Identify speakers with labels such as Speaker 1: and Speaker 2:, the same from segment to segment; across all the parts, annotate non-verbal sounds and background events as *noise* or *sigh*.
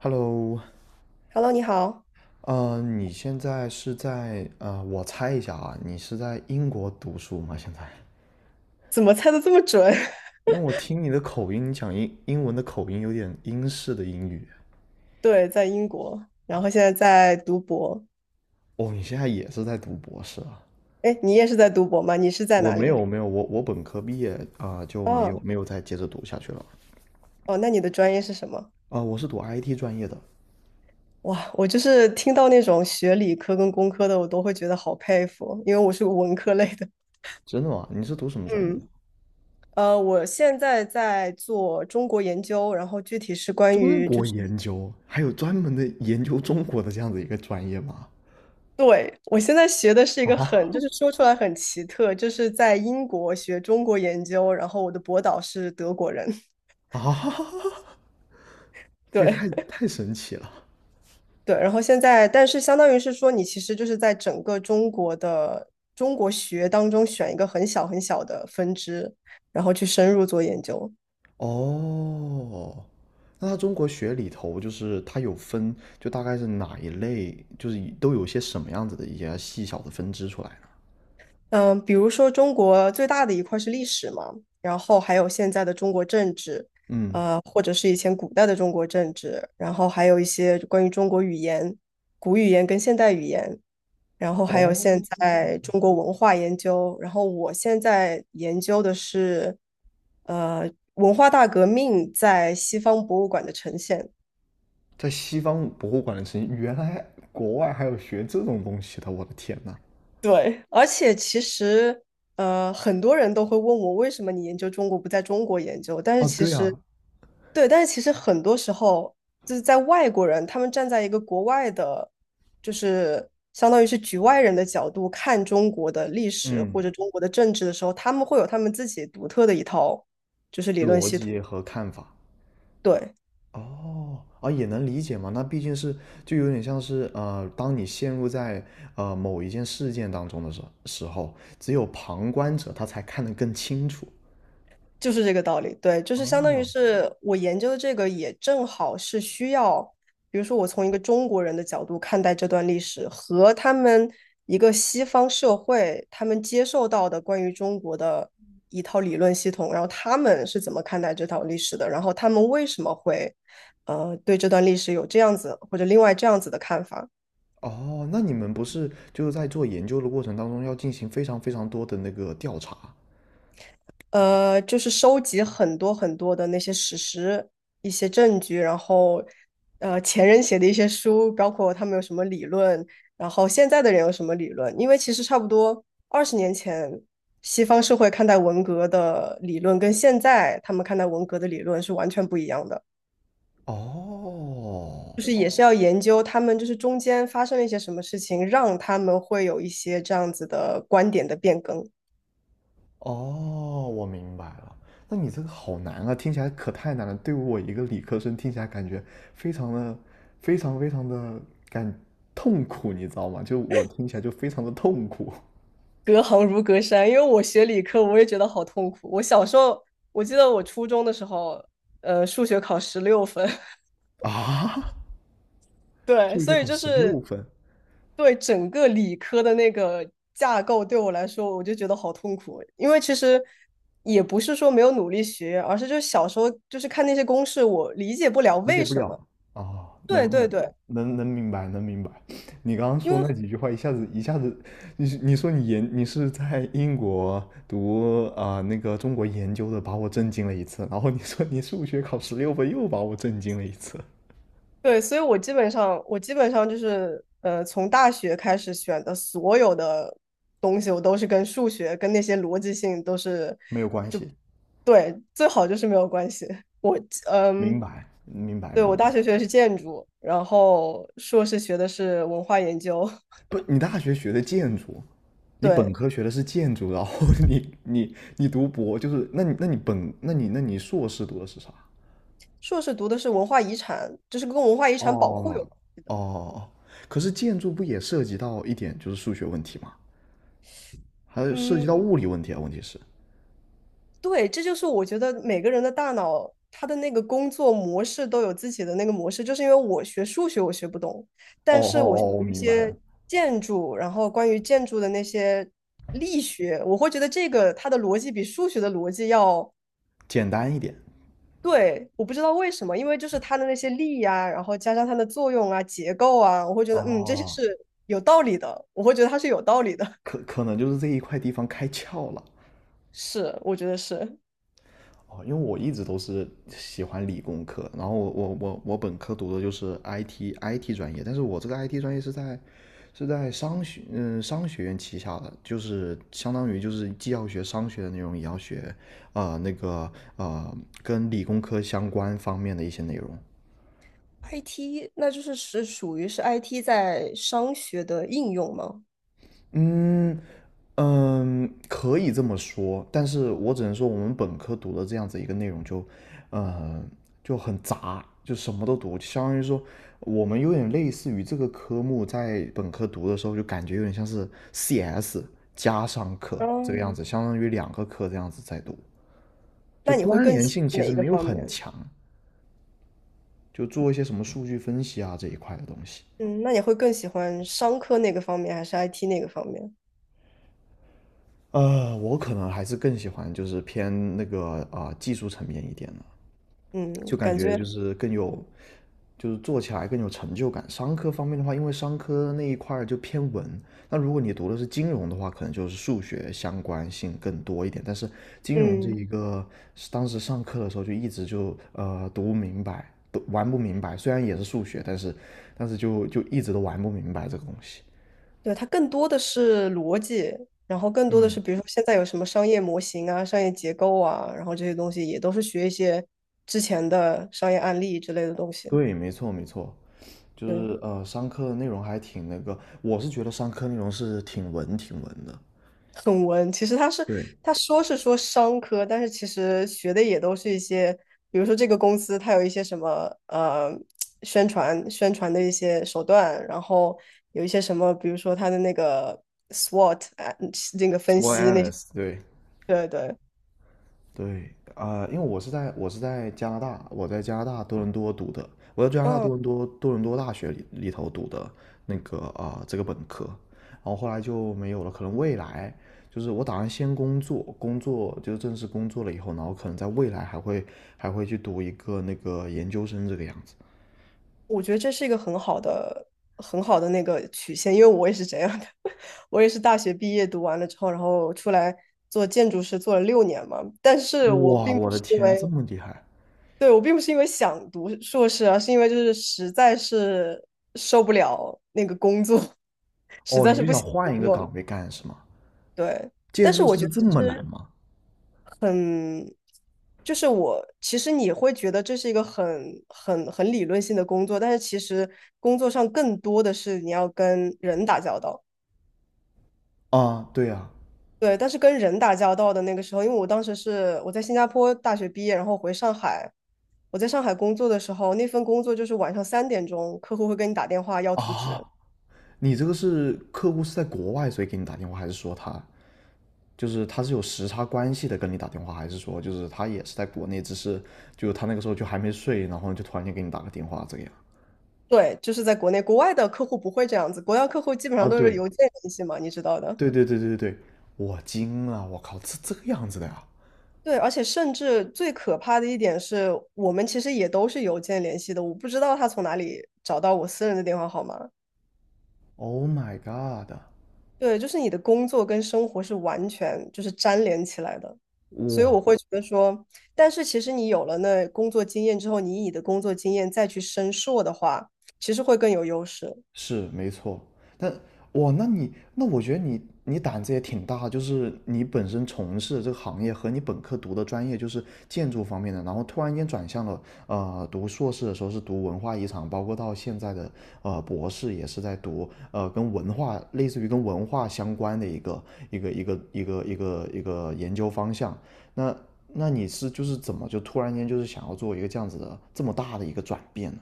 Speaker 1: Hello，
Speaker 2: Hello，你好，
Speaker 1: 你现在是在我猜一下啊，你是在英国读书吗？现在？
Speaker 2: 怎么猜的这么准？
Speaker 1: 因为我听你的口音，你讲英文的口音有点英式的英语。
Speaker 2: *laughs* 对，在英国，然后现在在读博。
Speaker 1: 哦，你现在也是在读博士啊？
Speaker 2: 哎，你也是在读博吗？你是在
Speaker 1: 我
Speaker 2: 哪
Speaker 1: 没
Speaker 2: 里？
Speaker 1: 有没有，我本科毕业啊，就没有
Speaker 2: 哦
Speaker 1: 没有再接着读下去了。
Speaker 2: 哦，那你的专业是什么？
Speaker 1: 啊，我是读 IT 专业的。
Speaker 2: 哇，我就是听到那种学理科跟工科的，我都会觉得好佩服，因为我是个文科类的。
Speaker 1: 真的吗？你是读什么专业的？
Speaker 2: 嗯，我现在在做中国研究，然后具体是关
Speaker 1: 中
Speaker 2: 于就
Speaker 1: 国
Speaker 2: 是，
Speaker 1: 研究，还有专门的研究中国的这样子一个专业吗？
Speaker 2: 对，我现在学的是一个
Speaker 1: 啊
Speaker 2: 很，就是说出来很奇特，就是在英国学中国研究，然后我的博导是德国人，
Speaker 1: 啊，
Speaker 2: *laughs*
Speaker 1: 这也太
Speaker 2: 对。
Speaker 1: 太神奇了。
Speaker 2: 对，然后现在，但是相当于是说，你其实就是在整个中国的中国学当中选一个很小很小的分支，然后去深入做研究。
Speaker 1: 哦，那他中国学里头就是它有分，就大概是哪一类，就是都有些什么样子的一些细小的分支出来呢？
Speaker 2: 嗯，比如说中国最大的一块是历史嘛，然后还有现在的中国政治，
Speaker 1: 嗯，
Speaker 2: 或者是以前古代的中国政治，然后还有一些关于中国语言、古语言跟现代语言，然后还有现
Speaker 1: 哦，
Speaker 2: 在中国文化研究，然后我现在研究的是，文化大革命在西方博物馆的呈现。
Speaker 1: 在西方博物馆的事情，原来国外还有学这种东西的，我的天呐。
Speaker 2: 对，而且其实，很多人都会问我，为什么你研究中国不在中国研究？但是
Speaker 1: 哦，
Speaker 2: 其
Speaker 1: 对
Speaker 2: 实，
Speaker 1: 啊，
Speaker 2: 对，但是其实很多时候就是在外国人，他们站在一个国外的，就是相当于是局外人的角度看中国的历史或者
Speaker 1: 嗯，
Speaker 2: 中国的政治的时候，他们会有他们自己独特的一套，
Speaker 1: 逻辑和看法。
Speaker 2: 对，
Speaker 1: 哦，啊，也能理解嘛。那毕竟是，就有点像是，当你陷入在某一件事件当中的时候，只有旁观者他才看得更清楚。
Speaker 2: 就是这个道理，对，就是相当于
Speaker 1: 哦，
Speaker 2: 是我研究的这个也正好是需要，比如说我从一个中国人的角度看待这段历史，和他们一个西方社会他们接受到的关于中国的一套理论系统，然后他们是怎么看待这套历史的，然后他们为什么会对这段历史有这样子或者另外这样子的看法，
Speaker 1: 哦，那你们不是就是在做研究的过程当中要进行非常非常多的那个调查？
Speaker 2: 就是收集很多很多的那些史实、一些证据，然后，前人写的一些书，包括他们有什么理论，然后现在的人有什么理论。因为其实差不多20年前，西方社会看待文革的理论跟现在他们看待文革的理论是完全不一样的。
Speaker 1: 哦，
Speaker 2: 就是也是要研究他们就是中间发生了一些什么事情，让他们会有一些这样子的观点的变更。
Speaker 1: 哦，我明白了。那你这个好难啊，听起来可太难了。对我一个理科生听起来感觉非常的、非常非常的感痛苦，你知道吗？就我听起来就非常的痛苦
Speaker 2: 隔行如隔山，因为我学理科，我也觉得好痛苦。我小时候，我记得我初中的时候，数学考16分，*laughs*
Speaker 1: 啊！
Speaker 2: 对，
Speaker 1: 数学
Speaker 2: 所以
Speaker 1: 考
Speaker 2: 就
Speaker 1: 十六
Speaker 2: 是
Speaker 1: 分，
Speaker 2: 对整个理科的那个架构对我来说，我就觉得好痛苦。因为其实也不是说没有努力学，而是就小时候就是看那些公式，我理解不了
Speaker 1: 理解
Speaker 2: 为
Speaker 1: 不
Speaker 2: 什
Speaker 1: 了，
Speaker 2: 么。
Speaker 1: 哦，
Speaker 2: 对
Speaker 1: 能
Speaker 2: 对
Speaker 1: 能
Speaker 2: 对，
Speaker 1: 能能明白，能明白。你刚刚
Speaker 2: 因
Speaker 1: 说
Speaker 2: 为
Speaker 1: 那几句话，一下子一下子，你是你说你研你是在英国读那个中国研究的，把我震惊了一次。然后你说你数学考十六分，又把我震惊了一次。
Speaker 2: 对，所以我基本上就是，从大学开始选的所有的东西，我都是跟数学、跟那些逻辑性都是，
Speaker 1: 没有关系，
Speaker 2: 对，最好就是没有关系。我，
Speaker 1: 明
Speaker 2: 嗯，
Speaker 1: 白，明白，
Speaker 2: 对，
Speaker 1: 明
Speaker 2: 我
Speaker 1: 白。
Speaker 2: 大学学的是建筑，然后硕士学的是文化研究，
Speaker 1: 不，你大学学的建筑，
Speaker 2: *laughs*
Speaker 1: 你本
Speaker 2: 对，
Speaker 1: 科学的是建筑，然后 *laughs* 你读博，就是那你那你本那你那你硕士读的是啥？
Speaker 2: 硕士读的是文化遗产，就是跟文化遗产保护有，
Speaker 1: 哦哦，可是建筑不也涉及到一点就是数学问题吗？还有涉及
Speaker 2: 嗯，
Speaker 1: 到物理问题啊，问题是，
Speaker 2: 对，这就是我觉得每个人的大脑，他的那个工作模式都有自己的那个模式。就是因为我学数学我学不懂，
Speaker 1: 哦
Speaker 2: 但
Speaker 1: 哦
Speaker 2: 是我学
Speaker 1: 哦，我
Speaker 2: 一
Speaker 1: 明白了，
Speaker 2: 些建筑，然后关于建筑的那些力学，我会觉得这个它的逻辑比数学的逻辑要
Speaker 1: 简单一点。
Speaker 2: 对。我不知道为什么，因为就是它的那些力呀、然后加上它的作用啊、结构啊，我会觉得这些
Speaker 1: 哦，
Speaker 2: 是有道理的，我会觉得它是有道理的。
Speaker 1: 可能就是这一块地方开窍了。
Speaker 2: *laughs* 是，我觉得是。
Speaker 1: 哦，因为我一直都是喜欢理工科，然后我本科读的就是 IT 专业，但是我这个 IT 专业是在商学院旗下的，就是相当于就是既要学商学的内容，也要学那个呃跟理工科相关方面的一些内容。
Speaker 2: IT，那就是属于 IT 在商学的应用吗？
Speaker 1: 嗯嗯，可以这么说，但是我只能说我们本科读的这样子一个内容就，呃就很杂，就什么都读，相当于说我们有点类似于这个科目在本科读的时候，就感觉有点像是 CS 加上课这个样
Speaker 2: 哦，
Speaker 1: 子，相当于两个课这样子在读。就
Speaker 2: 那你会
Speaker 1: 关
Speaker 2: 更
Speaker 1: 联
Speaker 2: 喜
Speaker 1: 性
Speaker 2: 欢
Speaker 1: 其
Speaker 2: 哪
Speaker 1: 实
Speaker 2: 一
Speaker 1: 没
Speaker 2: 个
Speaker 1: 有
Speaker 2: 方
Speaker 1: 很
Speaker 2: 面？
Speaker 1: 强，就做一些什么数据分析啊这一块的东西。
Speaker 2: 嗯，那你会更喜欢商科那个方面，还是 IT 那个方面？
Speaker 1: 我可能还是更喜欢就是偏那个技术层面一点的。
Speaker 2: 嗯，
Speaker 1: 就感
Speaker 2: 感
Speaker 1: 觉
Speaker 2: 觉，
Speaker 1: 就是更有，就是做起来更有成就感。商科方面的话，因为商科那一块就偏文，那如果你读的是金融的话，可能就是数学相关性更多一点。但是金融这
Speaker 2: 嗯，
Speaker 1: 一个，当时上课的时候就一直就读不明白，都玩不明白。虽然也是数学，但是就一直都玩不明白这个东西。
Speaker 2: 对，它更多的是逻辑，然后更多的
Speaker 1: 嗯，
Speaker 2: 是，比如说现在有什么商业模型啊、商业结构啊，然后这些东西也都是学一些之前的商业案例之类的东西。
Speaker 1: 对，没错没错，就
Speaker 2: 对，
Speaker 1: 是商科的内容还挺那个，我是觉得商科内容是挺文挺文的。
Speaker 2: 很文。其实他是
Speaker 1: 对
Speaker 2: 他说是说商科，但是其实学的也都是一些，比如说这个公司它有一些什么呃宣传宣传的一些手段，然后有一些什么，比如说它的那个 SWOT 啊，那个分析那些，
Speaker 1: 对。
Speaker 2: 对对，
Speaker 1: 对，因为我是在加拿大，我在加拿大多伦多读的，我在加拿大多
Speaker 2: 嗯，
Speaker 1: 伦多多伦多大学里头读的这个本科，然后后来就没有了，可能未来就是我打算先工作，工作就是正式工作了以后，然后可能在未来还会去读一个那个研究生这个样子。
Speaker 2: 我觉得这是一个很好的很好的那个曲线，因为我也是这样的，*laughs* 我也是大学毕业读完了之后，然后出来。做建筑师做了6年嘛，但是我
Speaker 1: 哇，
Speaker 2: 并不
Speaker 1: 我的
Speaker 2: 是因
Speaker 1: 天，这
Speaker 2: 为
Speaker 1: 么厉害！
Speaker 2: 对，我并不是因为想读硕士啊，是因为就是实在是受不了那个工作，*laughs* 实
Speaker 1: 哦，
Speaker 2: 在
Speaker 1: 你
Speaker 2: 是
Speaker 1: 就
Speaker 2: 不
Speaker 1: 想
Speaker 2: 想工
Speaker 1: 换一个
Speaker 2: 作了
Speaker 1: 岗位干是吗？
Speaker 2: 对，
Speaker 1: 建
Speaker 2: 但是
Speaker 1: 筑
Speaker 2: 我觉
Speaker 1: 师
Speaker 2: 得
Speaker 1: 这
Speaker 2: 其
Speaker 1: 么难
Speaker 2: 实
Speaker 1: 吗？
Speaker 2: 很，就是我其实你会觉得这是一个很很很理论性的工作，但是其实工作上更多的是你要跟人打交道。
Speaker 1: 啊，对呀
Speaker 2: 对，但是跟人打交道的那个时候，因为我当时是我在新加坡大学毕业，然后回上海，我在上海工作的时候，那份工作就是晚上3点钟，客户会跟你打电话要
Speaker 1: 啊，
Speaker 2: 图纸。
Speaker 1: 啊，你这个是客户是在国外，所以给你打电话，还是说他是有时差关系的跟你打电话，还是说就是他也是在国内，只是就他那个时候就还没睡，然后就突然间给你打个电话这个样？
Speaker 2: 对，就是在国内，国外的客户不会这样子，国外客户基本
Speaker 1: 啊，
Speaker 2: 上都是
Speaker 1: 对
Speaker 2: 邮件联系嘛，你知道的。
Speaker 1: 对对对对对对，我惊了，我靠，这个样子的呀
Speaker 2: 对，而且甚至最可怕的一点是，我们其实也都是邮件联系的，我不知道他从哪里找到我私人的电话号码。
Speaker 1: ！Oh my god！
Speaker 2: 对，就是你的工作跟生活是完全就是粘连起来的，所以我
Speaker 1: 哇，
Speaker 2: 会觉得说，但是其实你有了那工作经验之后，你以你的工作经验再去申硕的话，其实会更有优势。
Speaker 1: 是没错。但哇，那我觉得你胆子也挺大，就是你本身从事这个行业和你本科读的专业就是建筑方面的，然后突然间转向了读硕士的时候是读文化遗产，包括到现在的博士也是在读跟文化类似于跟文化相关的一个研究方向。那那你是就是怎么就突然间就是想要做一个这样子的这么大的一个转变呢？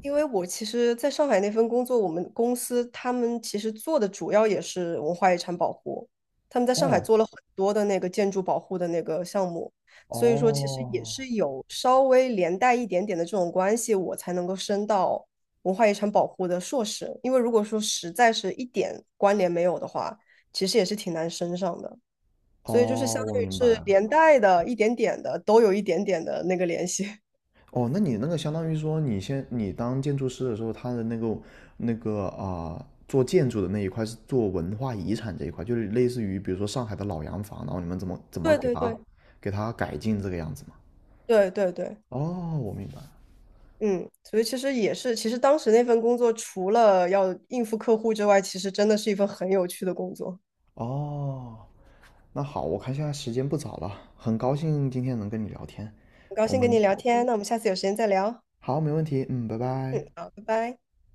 Speaker 2: 因为我其实在上海那份工作，我们公司他们其实做的主要也是文化遗产保护，他们在上海
Speaker 1: 哦
Speaker 2: 做了很多的那个建筑保护的那个项目，所以说其实也
Speaker 1: 哦，
Speaker 2: 是有稍微连带一点点的这种关系，我才能够升到文化遗产保护的硕士，因为如果说实在是一点关联没有的话，其实也是挺难升上的，所以就是
Speaker 1: 哦，
Speaker 2: 相
Speaker 1: 我
Speaker 2: 当于
Speaker 1: 明白
Speaker 2: 是
Speaker 1: 了。
Speaker 2: 连带的一点点的，都有一点点的那个联系。
Speaker 1: 哦，那你那个相当于说，你当建筑师的时候，他的那个做建筑的那一块是做文化遗产这一块，就是类似于比如说上海的老洋房，然后你们怎么怎
Speaker 2: *laughs*
Speaker 1: 么
Speaker 2: 对
Speaker 1: 给
Speaker 2: 对
Speaker 1: 它
Speaker 2: 对
Speaker 1: 改进这个样子嘛？
Speaker 2: 对对对。
Speaker 1: 哦，我明白了。
Speaker 2: 嗯，所以其实也是，其实当时那份工作除了要应付客户之外，其实真的是一份很有趣的工作。
Speaker 1: 哦，那好，我看现在时间不早了，很高兴今天能跟你聊天，
Speaker 2: 很高
Speaker 1: 我
Speaker 2: 兴跟
Speaker 1: 们
Speaker 2: 你聊天，那我们下次有时间再聊。
Speaker 1: 好，没问题，嗯，拜拜。
Speaker 2: 嗯，好，拜拜。